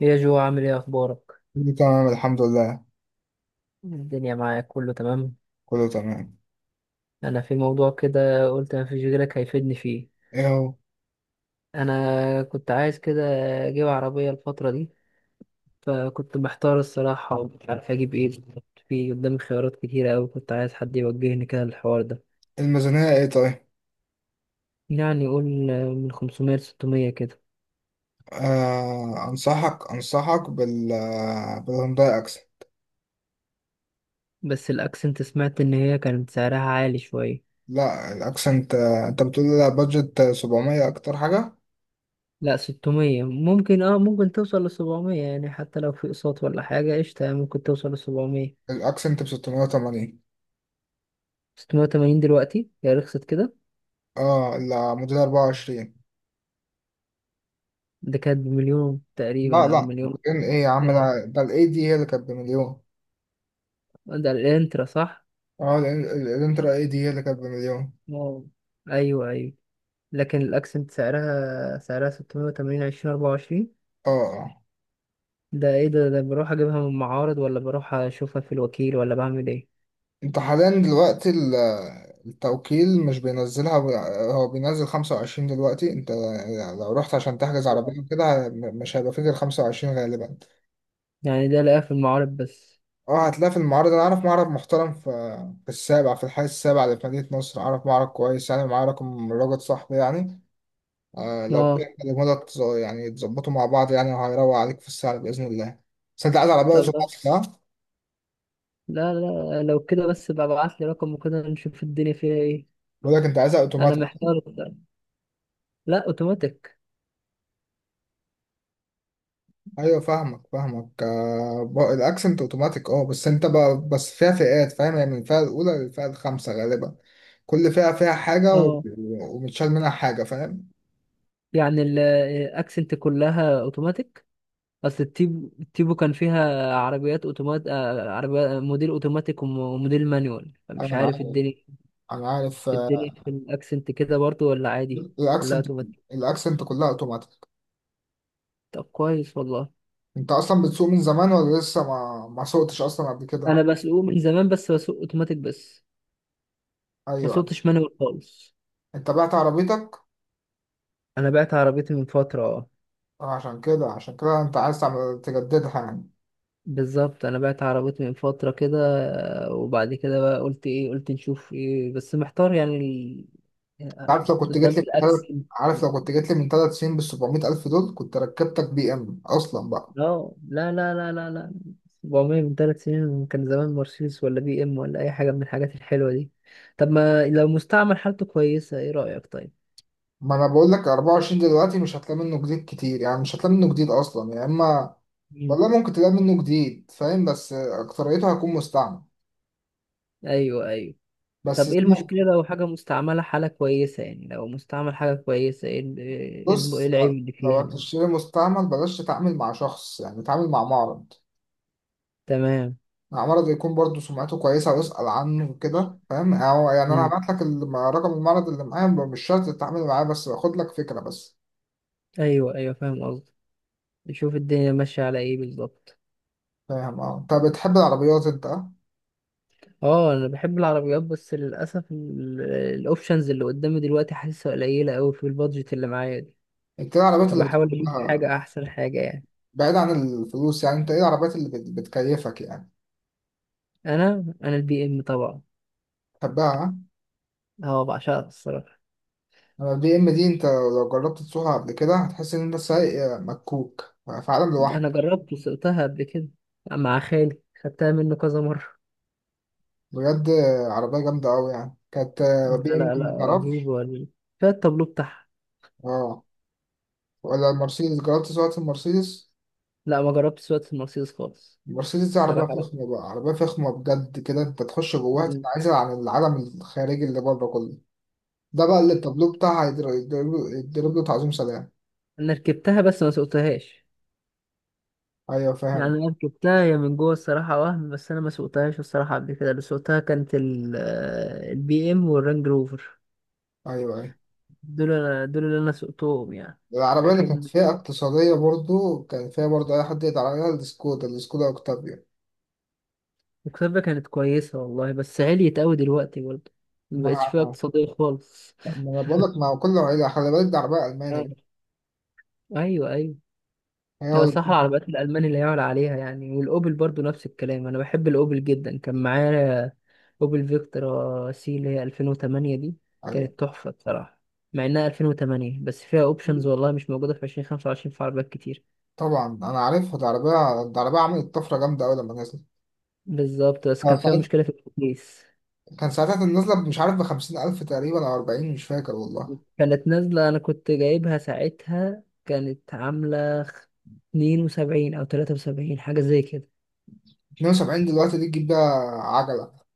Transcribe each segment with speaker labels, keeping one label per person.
Speaker 1: يا جو، عامل ايه؟ اخبارك.
Speaker 2: كله تمام الحمد لله،
Speaker 1: الدنيا معاك كله تمام.
Speaker 2: كله تمام.
Speaker 1: انا في موضوع كده، قلت ما فيش غيرك هيفيدني فيه.
Speaker 2: ايه هو؟
Speaker 1: انا كنت عايز كده اجيب عربية الفترة دي، فكنت محتار الصراحة ومش عارف اجيب ايه بالظبط. في قدامي خيارات كتيرة اوي، كنت عايز حد يوجهني كده للحوار ده.
Speaker 2: الميزانية ايه طيب؟
Speaker 1: يعني قول من 500 ل 600 كده.
Speaker 2: آه، انصحك بالهونداي اكسنت.
Speaker 1: بس الاكسنت سمعت ان هي كانت سعرها عالي شوية.
Speaker 2: لا الاكسنت انت بتقول لي لا، بادجت 700 اكتر حاجة.
Speaker 1: لا 600 ممكن، ممكن توصل ل 700، يعني حتى لو في اقساط ولا حاجة قشطة، يعني ممكن توصل ل 700.
Speaker 2: الاكسنت ب 680.
Speaker 1: 680 دلوقتي هي رخصت كده؟
Speaker 2: اه لا، موديل 24.
Speaker 1: ده كانت بمليون
Speaker 2: لا
Speaker 1: تقريبا او
Speaker 2: لا،
Speaker 1: مليون.
Speaker 2: ايه يا عم
Speaker 1: اه.
Speaker 2: ده الاي دي هي اللي كانت بمليون.
Speaker 1: ده الانترا صح؟
Speaker 2: اه، الانترا اي دي هي اللي كانت بمليون.
Speaker 1: اه، ايوه ايوه. لكن الاكسنت سعرها 680 2024.
Speaker 2: اه آه.
Speaker 1: ده ايه ده بروح اجيبها من المعارض ولا بروح اشوفها في الوكيل ولا بعمل ايه؟
Speaker 2: انت حاليا دلوقتي التوكيل مش بينزلها. هو بينزل 25 دلوقتي، انت لو رحت عشان تحجز
Speaker 1: آه.
Speaker 2: عربية كده مش هيبقى فيه غير 25 غالبا.
Speaker 1: يعني ده لاقيها في المعارض بس؟
Speaker 2: اه، هتلاقي في المعرض. انا اعرف معرض محترم في، في السابع، في الحي السابع اللي في مدينة نصر، اعرف معرض كويس يعني، معاه رقم، راجل صاحبي يعني. آه، لو كده
Speaker 1: اه.
Speaker 2: كلموا لك يعني تظبطوا مع بعض يعني، وهيروق عليك في السعر بإذن الله. بس انت عايز عربية
Speaker 1: طب لا،
Speaker 2: اوتوماتيك ها؟
Speaker 1: لا لا، لو كده بس بقى ابعت لي رقم، وكده نشوف الدنيا فيها ايه.
Speaker 2: بقول لك انت عايزها
Speaker 1: انا
Speaker 2: اوتوماتيك؟
Speaker 1: محتار. لا، اوتوماتيك.
Speaker 2: ايوه فاهمك فاهمك الاكسنت اوتوماتيك اه، بس انت بقى بس فيها فئات فاهم، يعني من الفئه الاولى للفئه الخامسه غالبا. كل فئه فيها حاجه
Speaker 1: اه.
Speaker 2: ومتشال منها حاجه، فاهم؟
Speaker 1: يعني الاكسنت كلها اوتوماتيك؟ اصل التيبو كان فيها عربيات اوتومات آه، عربيات موديل اوتوماتيك، وموديل مانيوال، فمش
Speaker 2: انا
Speaker 1: عارف
Speaker 2: عارف،
Speaker 1: الدنيا
Speaker 2: انا عارف
Speaker 1: في
Speaker 2: آه،
Speaker 1: الدنيا في الاكسنت كده برضو ولا عادي ولا
Speaker 2: الاكسنت،
Speaker 1: اوتوماتيك.
Speaker 2: الاكسنت كلها اوتوماتيك.
Speaker 1: طب كويس والله.
Speaker 2: انت اصلا بتسوق من زمان ولا لسه ما سوقتش اصلا قبل كده؟
Speaker 1: انا بسوق من زمان، بس بسوق اوتوماتيك بس. ما
Speaker 2: ايوه.
Speaker 1: سوقتش مانيوال خالص.
Speaker 2: انت بعت عربيتك؟
Speaker 1: انا بعت عربيتي من فترة، اه.
Speaker 2: آه، عشان كده عشان كده انت عايز تعمل تجددها يعني.
Speaker 1: بالظبط، انا بعت عربيتي من فترة كده. آه. وبعد كده بقى قلت ايه؟ قلت نشوف ايه، بس محتار يعني
Speaker 2: أنت عارف
Speaker 1: آه،
Speaker 2: لو كنت
Speaker 1: قدام
Speaker 2: جيت لي
Speaker 1: الاكسنت.
Speaker 2: عارف لو كنت جيت لي من ثلاث سنين بال 700 الف دول كنت ركبتك بي ام اصلا بقى.
Speaker 1: اه، لا لا لا لا لا. 400 من 3 سنين كان زمان مرسيدس، ولا بي ام، ولا اي حاجه من الحاجات الحلوه دي. طب ما لو مستعمل حالته كويسه، ايه رايك طيب؟
Speaker 2: ما انا بقول لك 24 دلوقتي مش هتلاقي منه جديد كتير، يعني مش هتلاقي منه جديد اصلا، يا اما
Speaker 1: مم.
Speaker 2: والله ممكن تلاقي منه جديد فاهم، بس اكتريته هيكون مستعمل.
Speaker 1: ايوه ايوه.
Speaker 2: بس
Speaker 1: طب
Speaker 2: زي
Speaker 1: ايه
Speaker 2: ما-
Speaker 1: المشكله لو حاجه مستعمله حاله كويسه؟ يعني لو مستعمل حاجه كويسه، ايه إيه إيه
Speaker 2: بص،
Speaker 1: العيب
Speaker 2: لو
Speaker 1: اللي فيها
Speaker 2: لو
Speaker 1: يعني؟
Speaker 2: هتشتري مستعمل بلاش تتعامل مع شخص، يعني تتعامل مع معرض.
Speaker 1: تمام.
Speaker 2: معرض يكون برضه سمعته كويسة واسأل عنه كده فاهم، أو يعني أنا
Speaker 1: مم.
Speaker 2: هبعت لك رقم المعرض اللي معايا، مش شرط تتعامل معاه بس باخد لك فكرة بس.
Speaker 1: ايوه ايوه، فاهم قصدي. نشوف الدنيا ماشيه على ايه بالظبط.
Speaker 2: فاهم؟ اه، أنت بتحب العربيات أنت أه؟
Speaker 1: اه. انا بحب العربيات، بس للاسف الاوبشنز اللي قدامي دلوقتي حاسسها قليله قوي في البادجت اللي معايا دي،
Speaker 2: أنت إيه العربيات اللي
Speaker 1: فبحاول اجيب
Speaker 2: بتحبها؟
Speaker 1: حاجه، احسن حاجه يعني.
Speaker 2: بعيد عن الفلوس يعني، انت ايه العربيات اللي بتكيفك يعني،
Speaker 1: انا البي ام طبعا.
Speaker 2: تحبها ها؟
Speaker 1: اه، بعشقها الصراحه.
Speaker 2: انا البي ام دي، انت لو جربت تسوقها قبل كده هتحس ان انت سايق مكوك في عالم
Speaker 1: انا
Speaker 2: لوحده.
Speaker 1: جربت وسقتها قبل كده، مع خالي خدتها منه كذا مره
Speaker 2: بجد، عربية جامدة أوي يعني كانت، بي
Speaker 1: لا
Speaker 2: ام
Speaker 1: لا
Speaker 2: دي
Speaker 1: لا، رهيب
Speaker 2: متعرفش.
Speaker 1: ولا. فيها التابلو بتاعها.
Speaker 2: اه، ولا المرسيدس؟ جربت سواقة المرسيدس؟
Speaker 1: لا، ما جربتش سواقة المرسيدس خالص.
Speaker 2: المرسيدس دي عربية
Speaker 1: الصراحه لا.
Speaker 2: فخمة بقى، عربية فخمة بجد كده، انت تخش جواها
Speaker 1: مم.
Speaker 2: تتعزل عن العالم الخارجي اللي بره كله. ده بقى اللي التابلو بتاعها يضرب، يضرب له تعظيم سلام.
Speaker 1: انا ركبتها بس ما سوقتهاش.
Speaker 2: ايوه
Speaker 1: يعني
Speaker 2: فاهم.
Speaker 1: انا ركبتها هي من جوه الصراحه وهم، بس انا ما سوقتهاش الصراحه قبل كده. اللي سوقتها كانت البي ام والرانج روفر.
Speaker 2: ايوه ايوه،
Speaker 1: دول انا، دول اللي انا سوقتهم يعني.
Speaker 2: العربية اللي كانت
Speaker 1: لكن
Speaker 2: فيها اقتصادية برضو، كان فيها برضو أي حد يقدر عليها، السكودا، السكودا أوكتافيا.
Speaker 1: الكسبة كانت كويسة والله، بس عليت أوي دلوقتي برضه، مبقتش
Speaker 2: مع
Speaker 1: فيها اقتصادية خالص.
Speaker 2: ما أنا بقول لك، مع كل عيلة خلي بالك، دي عربية ألماني
Speaker 1: آه.
Speaker 2: بقى.
Speaker 1: أيوه أيوه.
Speaker 2: هي هو
Speaker 1: لو صح
Speaker 2: اللي
Speaker 1: العربيات الألماني اللي يعلى عليها يعني. والأوبل برضه نفس الكلام، أنا بحب الأوبل جدا. كان معايا أوبل فيكتورا سي اللي هي 2008 دي،
Speaker 2: عليها.
Speaker 1: كانت تحفة بصراحة، مع إنها 2008 بس فيها أوبشنز والله مش موجودة في 2025 في عربيات كتير.
Speaker 2: طبعا أنا عارفها دي، عربية، دي عربية عملت طفرة جامدة أوي لما نزلت.
Speaker 1: بالظبط، بس
Speaker 2: كان
Speaker 1: كان فيها
Speaker 2: ساعتها،
Speaker 1: مشكلة في التكييف.
Speaker 2: كان ساعتها كانت نازلة مش عارف بخمسين ألف تقريبا أو أربعين، مش فاكر والله.
Speaker 1: كانت نازلة، أنا كنت جايبها ساعتها كانت عاملة 72 أو 73، حاجة زي كده.
Speaker 2: اتنين وسبعين دلوقتي دي تجيب بيها عجلة.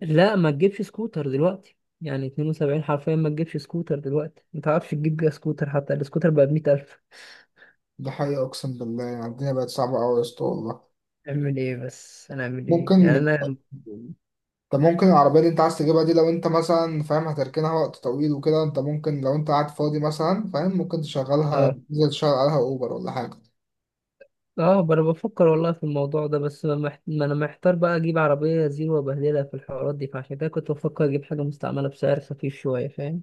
Speaker 1: لا، ما تجيبش سكوتر دلوقتي يعني. 72 حرفيا ما تجيبش سكوتر دلوقتي، ما تعرفش تجيب بيها سكوتر، حتى السكوتر بقى بـ100 ألف.
Speaker 2: دي حقيقة أقسم بالله، يعني الدنيا بقت صعبة أوي يا اسطى والله.
Speaker 1: أعمل إيه بس؟ أنا أعمل إيه يعني؟
Speaker 2: ممكن
Speaker 1: أنا
Speaker 2: طب ممكن العربية اللي انت عايز تجيبها دي، لو انت مثلا فاهم هتركنها وقت طويل وكده، انت ممكن لو انت قاعد فاضي مثلا فاهم، ممكن تشغلها،
Speaker 1: آه
Speaker 2: تنزل تشغل عليها اوبر ولا حاجة.
Speaker 1: آه أنا بفكر والله في الموضوع ده، بس ما أنا محتار بقى. أجيب عربية زيرو وأبهدلها في الحوارات دي، فعشان كده كنت بفكر أجيب حاجة مستعملة بسعر خفيف شوية، فاهم.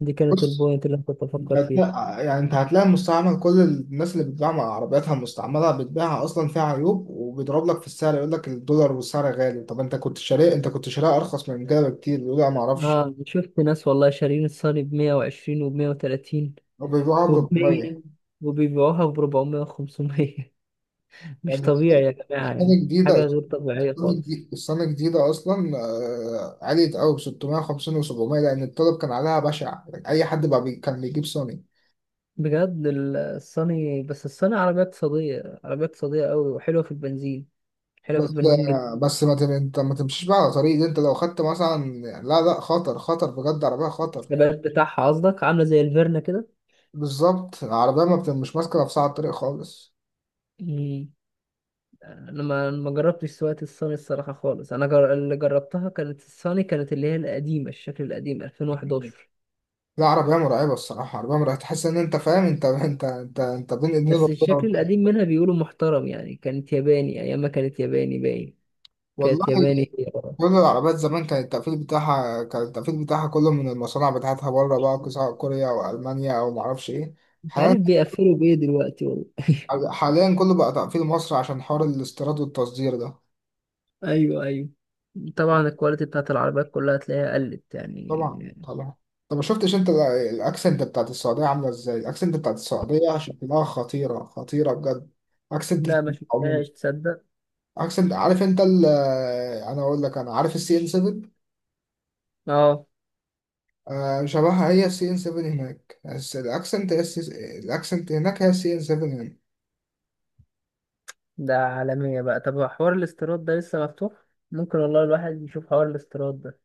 Speaker 1: دي كانت
Speaker 2: بص،
Speaker 1: البوينت اللي أنا كنت بفكر فيها.
Speaker 2: يعني انت هتلاقي مستعمل، كل الناس اللي بتبيع مع عربياتها مستعملة بتبيعها اصلا فيها عيوب، وبيضرب لك في السعر، يقول لك الدولار والسعر غالي. طب انت كنت شاريه، انت كنت شاريها ارخص من كده بكتير، يقول لا ما اعرفش.
Speaker 1: اه، شفت ناس والله شارين الصيني ب 120 وب 130
Speaker 2: وبيبيعها ب
Speaker 1: وب
Speaker 2: 400
Speaker 1: 100، وبيبيعوها ب 400 و500 مش
Speaker 2: يعني.
Speaker 1: طبيعي يا جماعة،
Speaker 2: سنة
Speaker 1: يعني
Speaker 2: جديدة،
Speaker 1: حاجة غير طبيعية
Speaker 2: السنة
Speaker 1: خالص.
Speaker 2: الجديدة، السنة الجديدة أصلا آه، عليت أوي ب 650 و700 لأن الطلب كان عليها بشع، أي حد بقى بي كان بيجيب سوني.
Speaker 1: بجد الصيني، بس الصيني عربية اقتصادية، عربية اقتصادية قوي وحلوة في البنزين. حلوة في
Speaker 2: بس
Speaker 1: البنزين جدا.
Speaker 2: آه، بس ما تم... أنت ما تمشيش بقى على طريق دي، أنت لو خدت مثلا، لا لا، خطر، خطر بجد، عربية خطر.
Speaker 1: الثبات بتاعها قصدك، عاملة زي الفيرنا كده.
Speaker 2: بالظبط، العربية ما بت... مش ماسكة نفسها على الطريق خالص.
Speaker 1: مم. انا ما جربتش سواقة الصيني الصراحة خالص. انا اللي جربتها كانت الصيني، كانت اللي هي القديمة، الشكل القديم 2011.
Speaker 2: لا، عربية مرعبة الصراحة، عربية مرعبة، تحس إن أنت فاهم أنت بين إيدين
Speaker 1: بس الشكل
Speaker 2: ربنا
Speaker 1: القديم منها بيقولوا محترم، يعني كانت ياباني ايام ما كانت ياباني باين.
Speaker 2: والله.
Speaker 1: كانت ياباني هي آه.
Speaker 2: كل العربيات زمان كان التقفيل بتاعها، كان التقفيل بتاعها كله من المصانع بتاعتها بره بقى، سواء كوريا أو ألمانيا أو معرفش إيه.
Speaker 1: مش
Speaker 2: حاليا،
Speaker 1: عارف بيقفلوا بايه دلوقتي والله
Speaker 2: حاليا كله بقى تقفيل مصر عشان حوار الاستيراد والتصدير ده.
Speaker 1: ايوه ايوه. طبعا الكواليتي بتاعت العربيات كلها هتلاقيها قلت يعني.
Speaker 2: طبعا طبعا. طب ما شفتش أنت الأكسنت بتاعت السعودية عاملة إزاي؟ الأكسنت بتاعت السعودية شكلها خطيرة، خطيرة بجد، أكسنت.
Speaker 1: لا، ما
Speaker 2: عموما
Speaker 1: شفتهاش تصدق.
Speaker 2: أكسنت، عارف أنت ال، أنا أقول لك، أنا عارف السي إن 7.
Speaker 1: اه.
Speaker 2: آه، شبهها هي السي إن 7 هناك، بس الأكسنت هي السي، الأكسنت هناك هي السي إن 7.
Speaker 1: ده عالمية بقى. طب هو حوار الاستيراد ده لسه مفتوح؟ ممكن والله الواحد يشوف حوار الاستيراد ده.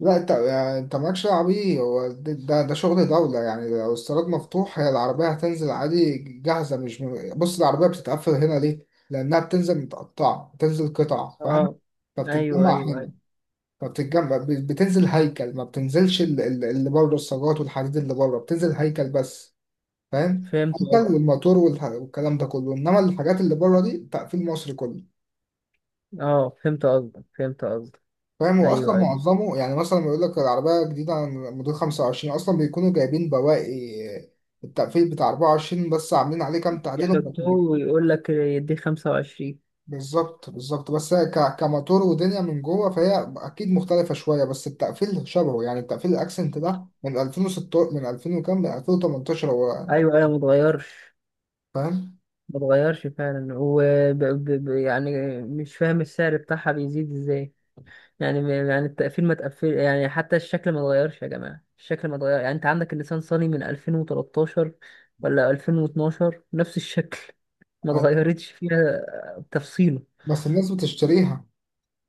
Speaker 2: لا انت، يعني انت مالكش دعوه بيه، هو ده ده شغل دوله يعني، لو الصاروخ مفتوح هي العربيه هتنزل عادي جاهزه، مش م... بص العربيه بتتقفل هنا ليه؟ لانها بتنزل متقطعه، بتنزل قطع، فاهم؟
Speaker 1: اه، ايوه ايوه
Speaker 2: فبتتجمع
Speaker 1: ايوه،
Speaker 2: هنا. بتنزل هيكل، ما بتنزلش اللي بره الصاجات والحديد اللي بره، بتنزل هيكل بس. فاهم؟
Speaker 1: فهمت
Speaker 2: هيكل
Speaker 1: قصدك.
Speaker 2: والموتور والكلام ده كله، انما الحاجات اللي بره دي تقفيل مصري كله.
Speaker 1: اه، فهمت قصدك، فهمت قصدك.
Speaker 2: فاهم؟ هو اصلا
Speaker 1: ايوه ايوه.
Speaker 2: معظمه، يعني مثلا لما يقول لك العربيه جديده عن موديل 25 اصلا بيكونوا جايبين بواقي التقفيل بتاع 24 بس عاملين عليه كام تعديل،
Speaker 1: يحطوه ويقول لك يديه 25.
Speaker 2: بالظبط بالظبط. بس هي كموتور ودنيا من جوه فهي اكيد مختلفه شويه، بس التقفيل شبهه، يعني التقفيل الاكسنت ده من 2006، من 2000 وكام، من 2018 هو،
Speaker 1: ايوه ايوه، ما اتغيرش.
Speaker 2: فاهم؟
Speaker 1: ما اتغيرش فعلا، ب... يعني مش فاهم السعر بتاعها بيزيد ازاي. يعني يعني التقفيل ما تقفل يعني. حتى الشكل ما اتغيرش يا جماعه، الشكل ما اتغير. يعني انت عندك اللسان صيني من 2013 ولا 2012، نفس الشكل، ما
Speaker 2: أيوة.
Speaker 1: اتغيرتش فيها تفصيله.
Speaker 2: بس الناس بتشتريها.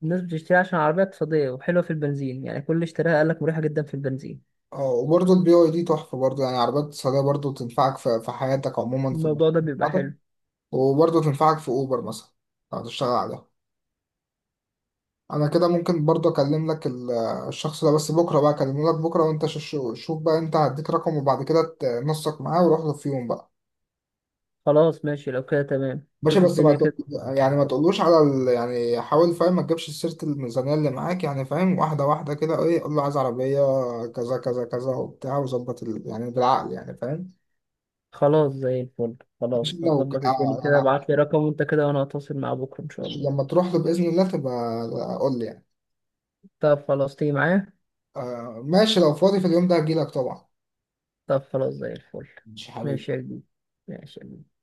Speaker 1: الناس بتشتري عشان عربيه اقتصاديه وحلوه في البنزين يعني. كل اللي اشتراها قال لك مريحه جدا في البنزين.
Speaker 2: اه، وبرضه البي واي دي تحفه برضه، يعني عربيات اقتصاديه، برضه تنفعك في، في حياتك عموما، في
Speaker 1: الموضوع ده بيبقى
Speaker 2: المشروع.
Speaker 1: حلو.
Speaker 2: وبرضه تنفعك في اوبر مثلا لو هتشتغل عليها. انا كده ممكن برضه اكلم لك الشخص ده، بس بكره بقى اكلمه لك بكره، وانت شوف بقى، انت هديك رقم وبعد كده تنسق معاه وروح له في يوم بقى.
Speaker 1: خلاص، ماشي. لو كده تمام،
Speaker 2: باشا،
Speaker 1: شوف
Speaker 2: بس ما
Speaker 1: الدنيا
Speaker 2: تق-
Speaker 1: كده.
Speaker 2: يعني ما تقولوش على ال... آه، يعني حاول فاهم، ما تجيبش سيرة الميزانية اللي معاك يعني، فاهم، واحدة واحدة كده، ايه، قول له عايز عربية كذا كذا كذا وبتاع، وظبط يعني بالعقل يعني، فاهم؟
Speaker 1: خلاص، زي الفل.
Speaker 2: عشان
Speaker 1: خلاص،
Speaker 2: لو
Speaker 1: هظبط
Speaker 2: ك-
Speaker 1: الدنيا
Speaker 2: اه
Speaker 1: كده.
Speaker 2: يعني
Speaker 1: ابعت لي رقم وانت كده، وانا هتواصل مع بكره ان شاء
Speaker 2: عشان
Speaker 1: الله.
Speaker 2: لما تروح له بإذن الله تبقى آه، قول لي يعني.
Speaker 1: طب خلاص، تيجي معايا؟
Speaker 2: آه ماشي، لو فاضي في اليوم ده هجيلك طبعا.
Speaker 1: طب خلاص زي الفل.
Speaker 2: مش
Speaker 1: ماشي
Speaker 2: حبيبي.
Speaker 1: يا جديد. ماشي يا جديد.